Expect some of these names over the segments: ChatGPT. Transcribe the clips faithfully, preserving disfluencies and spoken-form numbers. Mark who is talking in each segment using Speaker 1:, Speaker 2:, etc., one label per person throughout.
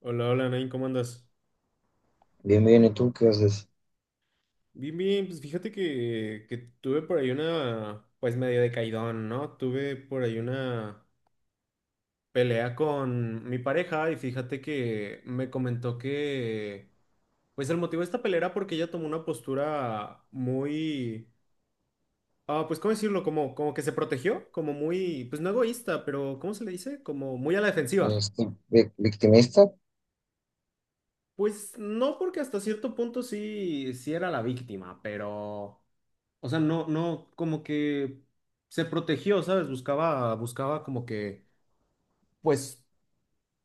Speaker 1: Hola, hola, Nain, ¿cómo andas?
Speaker 2: Bien, bien, ¿y tú qué haces?
Speaker 1: Bien, bien, pues fíjate que, que tuve por ahí una, pues medio de ¿no? Tuve por ahí una pelea con mi pareja y fíjate que me comentó que, pues el motivo de esta pelea era porque ella tomó una postura muy, ah, pues ¿cómo decirlo? Como, como que se protegió, como muy, pues no egoísta, pero ¿cómo se le dice? Como muy a la defensiva.
Speaker 2: Este, vi- victimista.
Speaker 1: Pues no, porque hasta cierto punto sí, sí era la víctima, pero... O sea, no, no, como que se protegió, ¿sabes? Buscaba, buscaba como que, pues,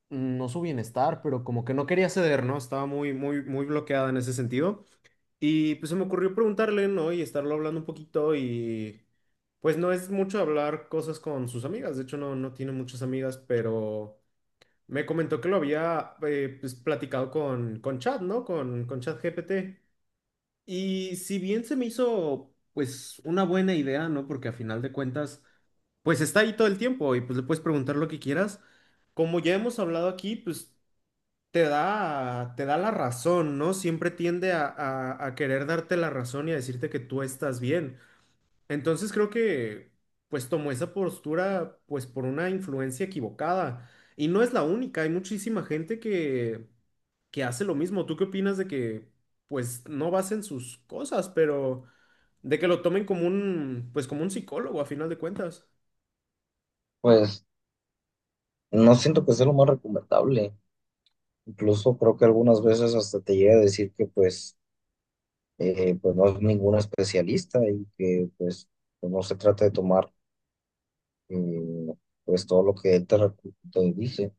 Speaker 1: no su bienestar, pero como que no quería ceder, ¿no? Estaba muy, muy, muy bloqueada en ese sentido. Y pues se me ocurrió preguntarle, ¿no? Y estarlo hablando un poquito y, pues, no es mucho hablar cosas con sus amigas. De hecho, no, no tiene muchas amigas, pero me comentó que lo había, eh, pues, platicado con, con Chat, ¿no? Con, con ChatGPT. Y si bien se me hizo, pues, una buena idea, ¿no? Porque a final de cuentas, pues está ahí todo el tiempo y pues le puedes preguntar lo que quieras. Como ya hemos hablado aquí, pues te da, te da la razón, ¿no? Siempre tiende a, a- a querer darte la razón y a decirte que tú estás bien. Entonces creo que, pues, tomó esa postura, pues, por una influencia equivocada. Y no es la única, hay muchísima gente que, que hace lo mismo. ¿Tú qué opinas de que, pues, no basen sus cosas, pero... De que lo tomen como un, pues como un psicólogo a final de cuentas?
Speaker 2: Pues no siento que sea lo más recomendable. Incluso creo que algunas veces hasta te llega a decir que pues, eh, pues no es ningún especialista y que pues pues, no se trata de tomar eh, pues todo lo que él te, recu- te dice.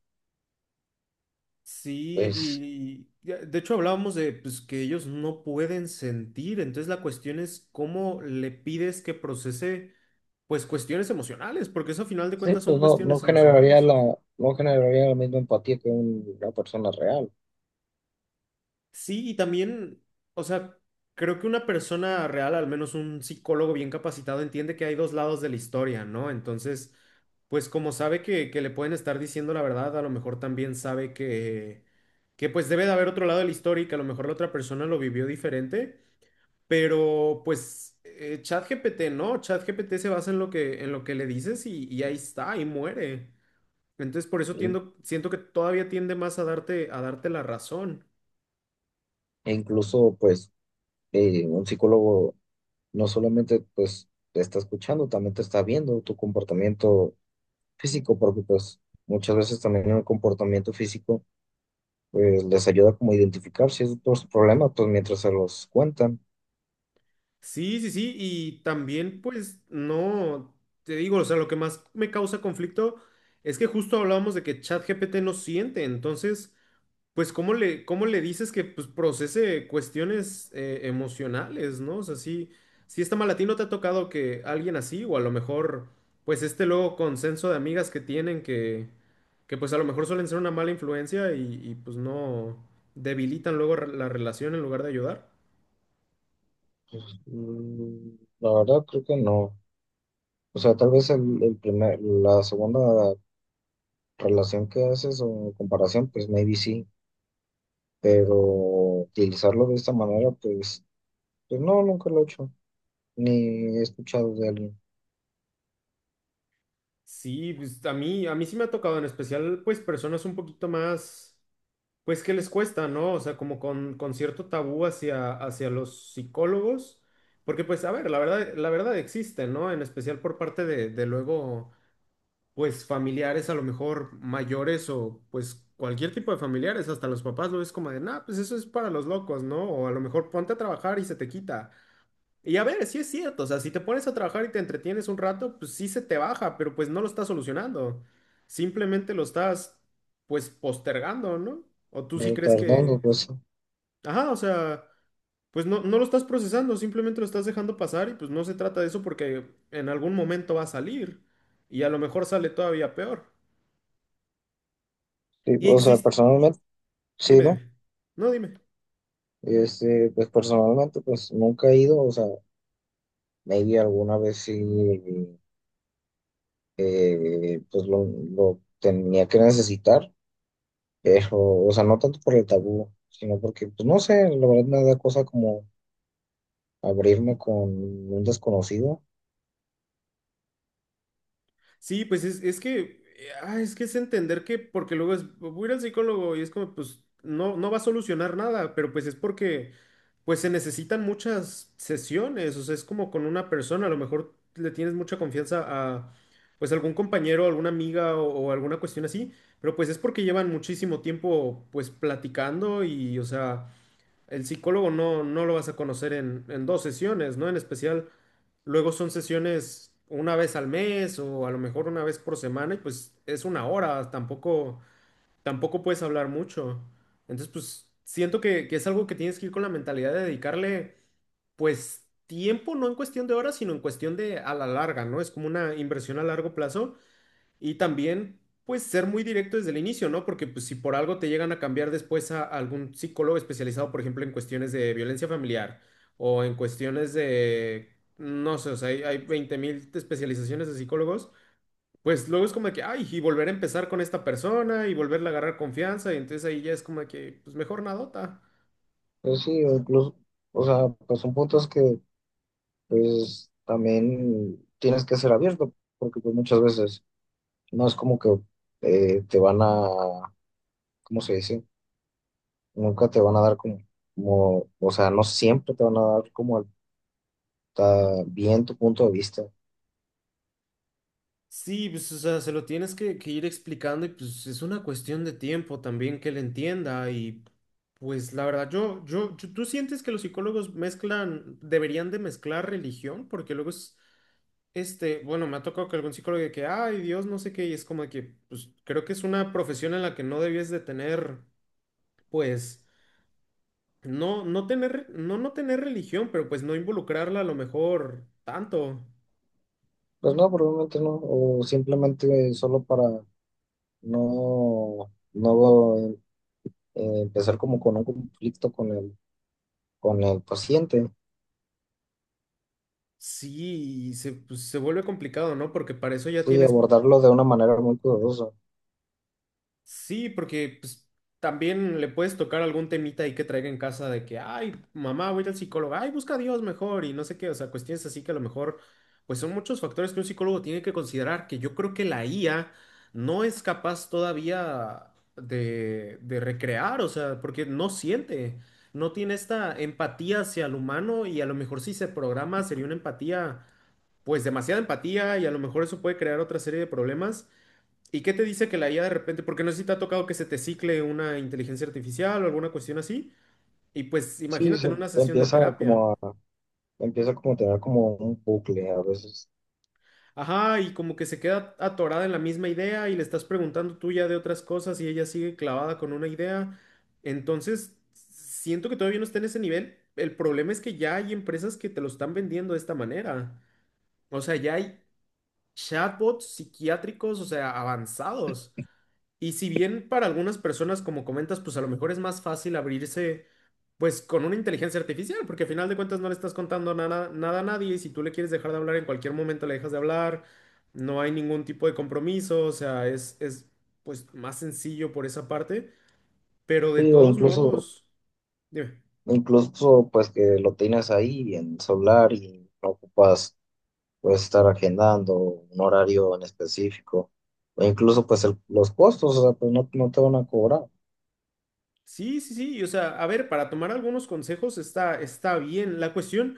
Speaker 1: Sí,
Speaker 2: Pues
Speaker 1: y y ya- de hecho hablábamos de pues, que ellos no pueden sentir, entonces la cuestión es cómo le pides que procese pues cuestiones emocionales, porque eso a final de
Speaker 2: sí,
Speaker 1: cuentas
Speaker 2: pues
Speaker 1: son
Speaker 2: no, no
Speaker 1: cuestiones
Speaker 2: generaría
Speaker 1: emocionales.
Speaker 2: la, no generaría la misma empatía que un- una persona real.
Speaker 1: Sí, y también, o sea, creo que una persona real, al menos un psicólogo bien capacitado, entiende que hay dos lados de la historia, ¿no? Entonces, pues como sabe que, que le pueden estar diciendo la verdad, a lo mejor también sabe que, que pues debe de haber otro lado de la historia y que a lo mejor la otra persona lo vivió diferente, pero pues eh, ChatGPT, ¿no? ChatGPT se basa en lo que, en lo que le dices y, y ahí está, y muere. Entonces, por eso
Speaker 2: ¿Sí?
Speaker 1: tiendo, siento que todavía tiende más a darte, a darte la razón.
Speaker 2: E incluso pues eh, un psicólogo no solamente pues te está escuchando, también te está viendo tu comportamiento físico, porque pues muchas veces también el comportamiento físico pues les ayuda como a identificar ciertos problemas pues mientras se los cuentan.
Speaker 1: Sí, sí, sí, y también pues no, te digo, o sea, lo que más me causa conflicto es que justo hablábamos de que ChatGPT no siente, entonces, pues ¿cómo le, cómo le dices que pues procese cuestiones eh, emocionales? ¿No? O sea, sí, sí está mal, a ti no te ha tocado que alguien así, o a lo mejor pues este luego consenso de amigas que tienen que, que pues a lo mejor suelen ser una mala influencia y, y pues no debilitan luego re- la relación en lugar de ayudar.
Speaker 2: Mm. La verdad creo que no. O sea, tal vez el, el primer, la segunda relación que haces o comparación, pues maybe sí, pero utilizarlo de esta manera, pues, pues no, nunca lo he hecho, ni he escuchado de alguien.
Speaker 1: Sí, pues a mí, a mí sí me ha tocado, en especial, pues personas un poquito más, pues que les cuesta, ¿no? O sea, como con, con cierto tabú hacia, hacia los psicólogos, porque pues, a ver, la verdad, la verdad existe, ¿no? En especial por parte de, de luego, pues familiares a lo mejor mayores o pues cualquier tipo de familiares, hasta los papás lo ves como de, nah, pues eso es para los locos, ¿no? O a lo mejor ponte a trabajar y se te quita. Y a ver, sí es cierto, o sea, si te pones a trabajar y te entretienes un rato, pues sí se te baja, pero pues no lo estás solucionando. Simplemente lo estás, pues, postergando, ¿no? O tú sí crees
Speaker 2: Retardando,
Speaker 1: que...
Speaker 2: pues. Sí.
Speaker 1: Ajá, o sea, pues no, no lo estás procesando, simplemente lo estás dejando pasar y pues no se trata de eso porque en algún momento va a salir y a lo mejor sale todavía peor.
Speaker 2: Sí,
Speaker 1: Y
Speaker 2: o sea,
Speaker 1: existe...
Speaker 2: personalmente. Sí,
Speaker 1: Dime,
Speaker 2: ve,
Speaker 1: dime. No, dime.
Speaker 2: este, pues personalmente, pues nunca he ido, o sea, maybe alguna vez sí, eh, pues lo, lo tenía que necesitar, pero, o sea, no tanto por el tabú, sino porque, pues no sé, la verdad me da cosa como abrirme con un desconocido.
Speaker 1: Sí, pues es, es que, eh, ah, es que es entender que, porque luego es, voy a ir al psicólogo y es como, pues, no, no va a solucionar nada, pero pues es porque, pues se necesitan muchas sesiones, o sea, es como con una persona, a lo mejor le tienes mucha confianza a, pues, algún compañero, alguna amiga o, o alguna cuestión así, pero pues es porque llevan muchísimo tiempo, pues, platicando y, o sea... El psicólogo no, no lo vas a conocer en, en dos sesiones, ¿no? En especial, luego son sesiones una vez al mes o a lo mejor una vez por semana y pues es una hora, tampoco, tampoco puedes hablar mucho. Entonces, pues siento que, que es algo que tienes que ir con la mentalidad de dedicarle, pues, tiempo, no en cuestión de horas, sino en cuestión de a la larga, ¿no? Es como una inversión a largo plazo y también, pues, ser muy directo desde el inicio, ¿no? Porque pues, si por algo te llegan a cambiar después a algún psicólogo especializado, por ejemplo, en cuestiones de violencia familiar o en cuestiones de, no sé, o sea, hay, hay veinte mil especializaciones de psicólogos, pues luego es como de que, ay, y volver a empezar con esta persona y volverle a agarrar confianza, y entonces ahí ya es como de que, pues, mejor nadota.
Speaker 2: Pues sí, o incluso, o sea, pues son puntos que, pues también tienes que ser abierto, porque pues muchas veces no es como que eh, te van a, ¿cómo se dice? Nunca te van a dar como, como, o sea, no siempre te van a dar como el- ta- bien tu punto de vista.
Speaker 1: Sí, pues, o sea, se lo tienes que, que ir explicando y pues es una cuestión de tiempo también que él entienda y pues la verdad, yo, yo, yo- ¿tú sientes que los psicólogos mezclan, deberían de mezclar religión? Porque luego es, este, bueno, me ha tocado que algún psicólogo de que, ay, Dios, no sé qué, y es como de que, pues creo que es una profesión en la que no debías de tener, pues, no, no tener, no, no tener religión, pero pues no involucrarla a lo mejor tanto.
Speaker 2: Pues no, probablemente no, o simplemente solo para no, no eh, empezar como con un conflicto con el, con el paciente.
Speaker 1: Sí, y se, pues, se vuelve complicado, ¿no? Porque para eso ya
Speaker 2: Sí,
Speaker 1: tienes.
Speaker 2: abordarlo de una manera muy cuidadosa.
Speaker 1: Sí, porque pues, también le puedes tocar algún temita ahí que traiga en casa de que, ay, mamá, voy a ir al psicólogo, ay, busca a Dios mejor y no sé qué, o sea, cuestiones así que a lo mejor, pues son muchos factores que un psicólogo tiene que considerar, que yo creo que la I A no es capaz todavía de, de recrear, o sea, porque no siente, no tiene esta empatía hacia el humano y a lo mejor si se programa sería una empatía, pues demasiada empatía y a lo mejor eso puede crear otra serie de problemas. ¿Y qué te dice que la I A de repente, porque no sé si te ha tocado que se te cicle una inteligencia artificial o alguna cuestión así, y pues
Speaker 2: Sí,
Speaker 1: imagínate en
Speaker 2: se
Speaker 1: una sesión de
Speaker 2: empieza
Speaker 1: terapia?
Speaker 2: como a, empieza como a tener como un bucle a veces.
Speaker 1: Ajá, y como que se queda atorada en la misma idea y le estás preguntando tú ya de otras cosas y ella sigue clavada con una idea. Entonces, siento que todavía no está en ese nivel. El problema es que ya hay empresas que te lo están vendiendo de esta manera. O sea, ya hay chatbots psiquiátricos, o sea, avanzados. Y si bien para algunas personas, como comentas, pues a lo mejor es más fácil abrirse pues con una inteligencia artificial, porque al final de cuentas no le estás contando nada, nada a nadie y si tú le quieres dejar de hablar en cualquier momento le dejas de hablar, no hay ningún tipo de compromiso, o sea, es, es pues más sencillo por esa parte, pero de
Speaker 2: Sí, o
Speaker 1: todos
Speaker 2: incluso,
Speaker 1: modos, dime.
Speaker 2: incluso pues que lo tienes ahí en solar y no ocupas, puedes estar agendando un horario en específico, o incluso pues el- los costos, o sea, pues no, no te van a cobrar.
Speaker 1: Sí, sí, sí, o sea, a ver, para tomar algunos consejos está, está bien. La cuestión,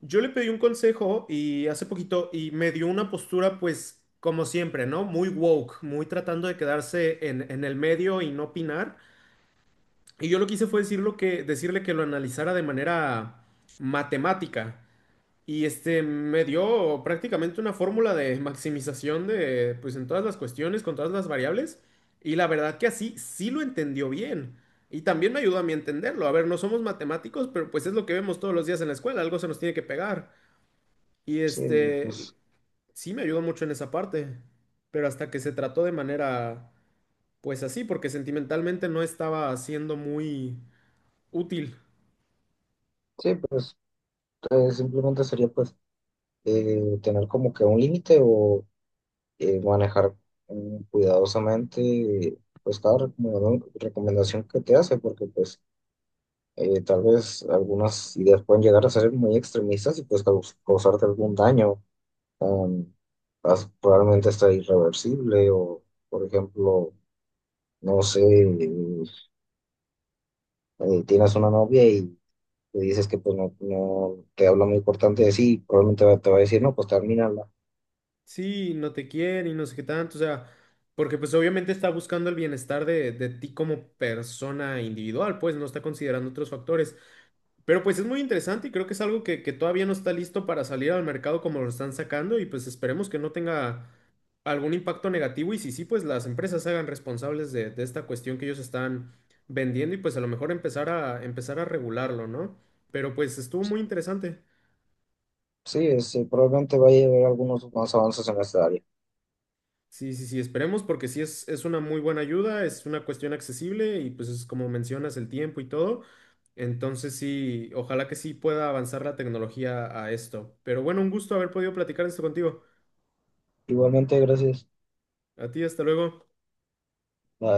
Speaker 1: yo le pedí un consejo y hace poquito y me dio una postura pues como siempre, ¿no? Muy woke, muy tratando de quedarse en, en el medio y no opinar. Y yo lo que hice fue decirlo que, decirle que lo analizara de manera matemática. Y este me dio prácticamente una fórmula de maximización de, pues en todas las cuestiones, con todas las variables. Y la verdad que así sí lo entendió bien. Y también me ayudó a mí a entenderlo. A ver, no somos matemáticos, pero pues es lo que vemos todos los días en la escuela. Algo se nos tiene que pegar. Y
Speaker 2: Sí,
Speaker 1: este
Speaker 2: pues,
Speaker 1: sí me ayudó mucho en esa parte. Pero hasta que se trató de manera, pues así, porque sentimentalmente no estaba siendo muy útil.
Speaker 2: sí, pues eh, simplemente sería pues eh, tener como que un límite o eh, manejar mm, cuidadosamente pues cada recomenda- recomendación que te hace, porque pues eh, tal vez algunas ideas pueden llegar a ser muy extremistas y pues caus- causarte algún daño. um, as- Probablemente está irreversible o, por ejemplo, no sé, eh, tienes una novia y le dices que pues no, no te habla muy importante de sí, probablemente va- te va a decir, no, pues termínala.
Speaker 1: Sí, no te quiere y no sé qué tanto, o sea, porque pues obviamente está buscando el bienestar de, de ti como persona individual, pues no está considerando otros factores. Pero pues es muy interesante y creo que es algo que, que todavía no está listo para salir al mercado como lo están sacando y pues esperemos que no tenga algún impacto negativo y si sí, pues las empresas se hagan responsables de, de esta cuestión que ellos están vendiendo y pues a lo mejor empezar a, empezar a regularlo, ¿no? Pero pues estuvo muy interesante.
Speaker 2: Sí, es, eh, probablemente vaya a haber algunos más avances en esta área.
Speaker 1: Sí, sí, sí, esperemos porque sí es, es una muy buena ayuda, es una cuestión accesible y pues es como mencionas el tiempo y todo. Entonces sí, ojalá que sí pueda avanzar la tecnología a esto. Pero bueno, un gusto haber podido platicar esto contigo.
Speaker 2: Igualmente, gracias.
Speaker 1: A ti, hasta luego.
Speaker 2: Bye.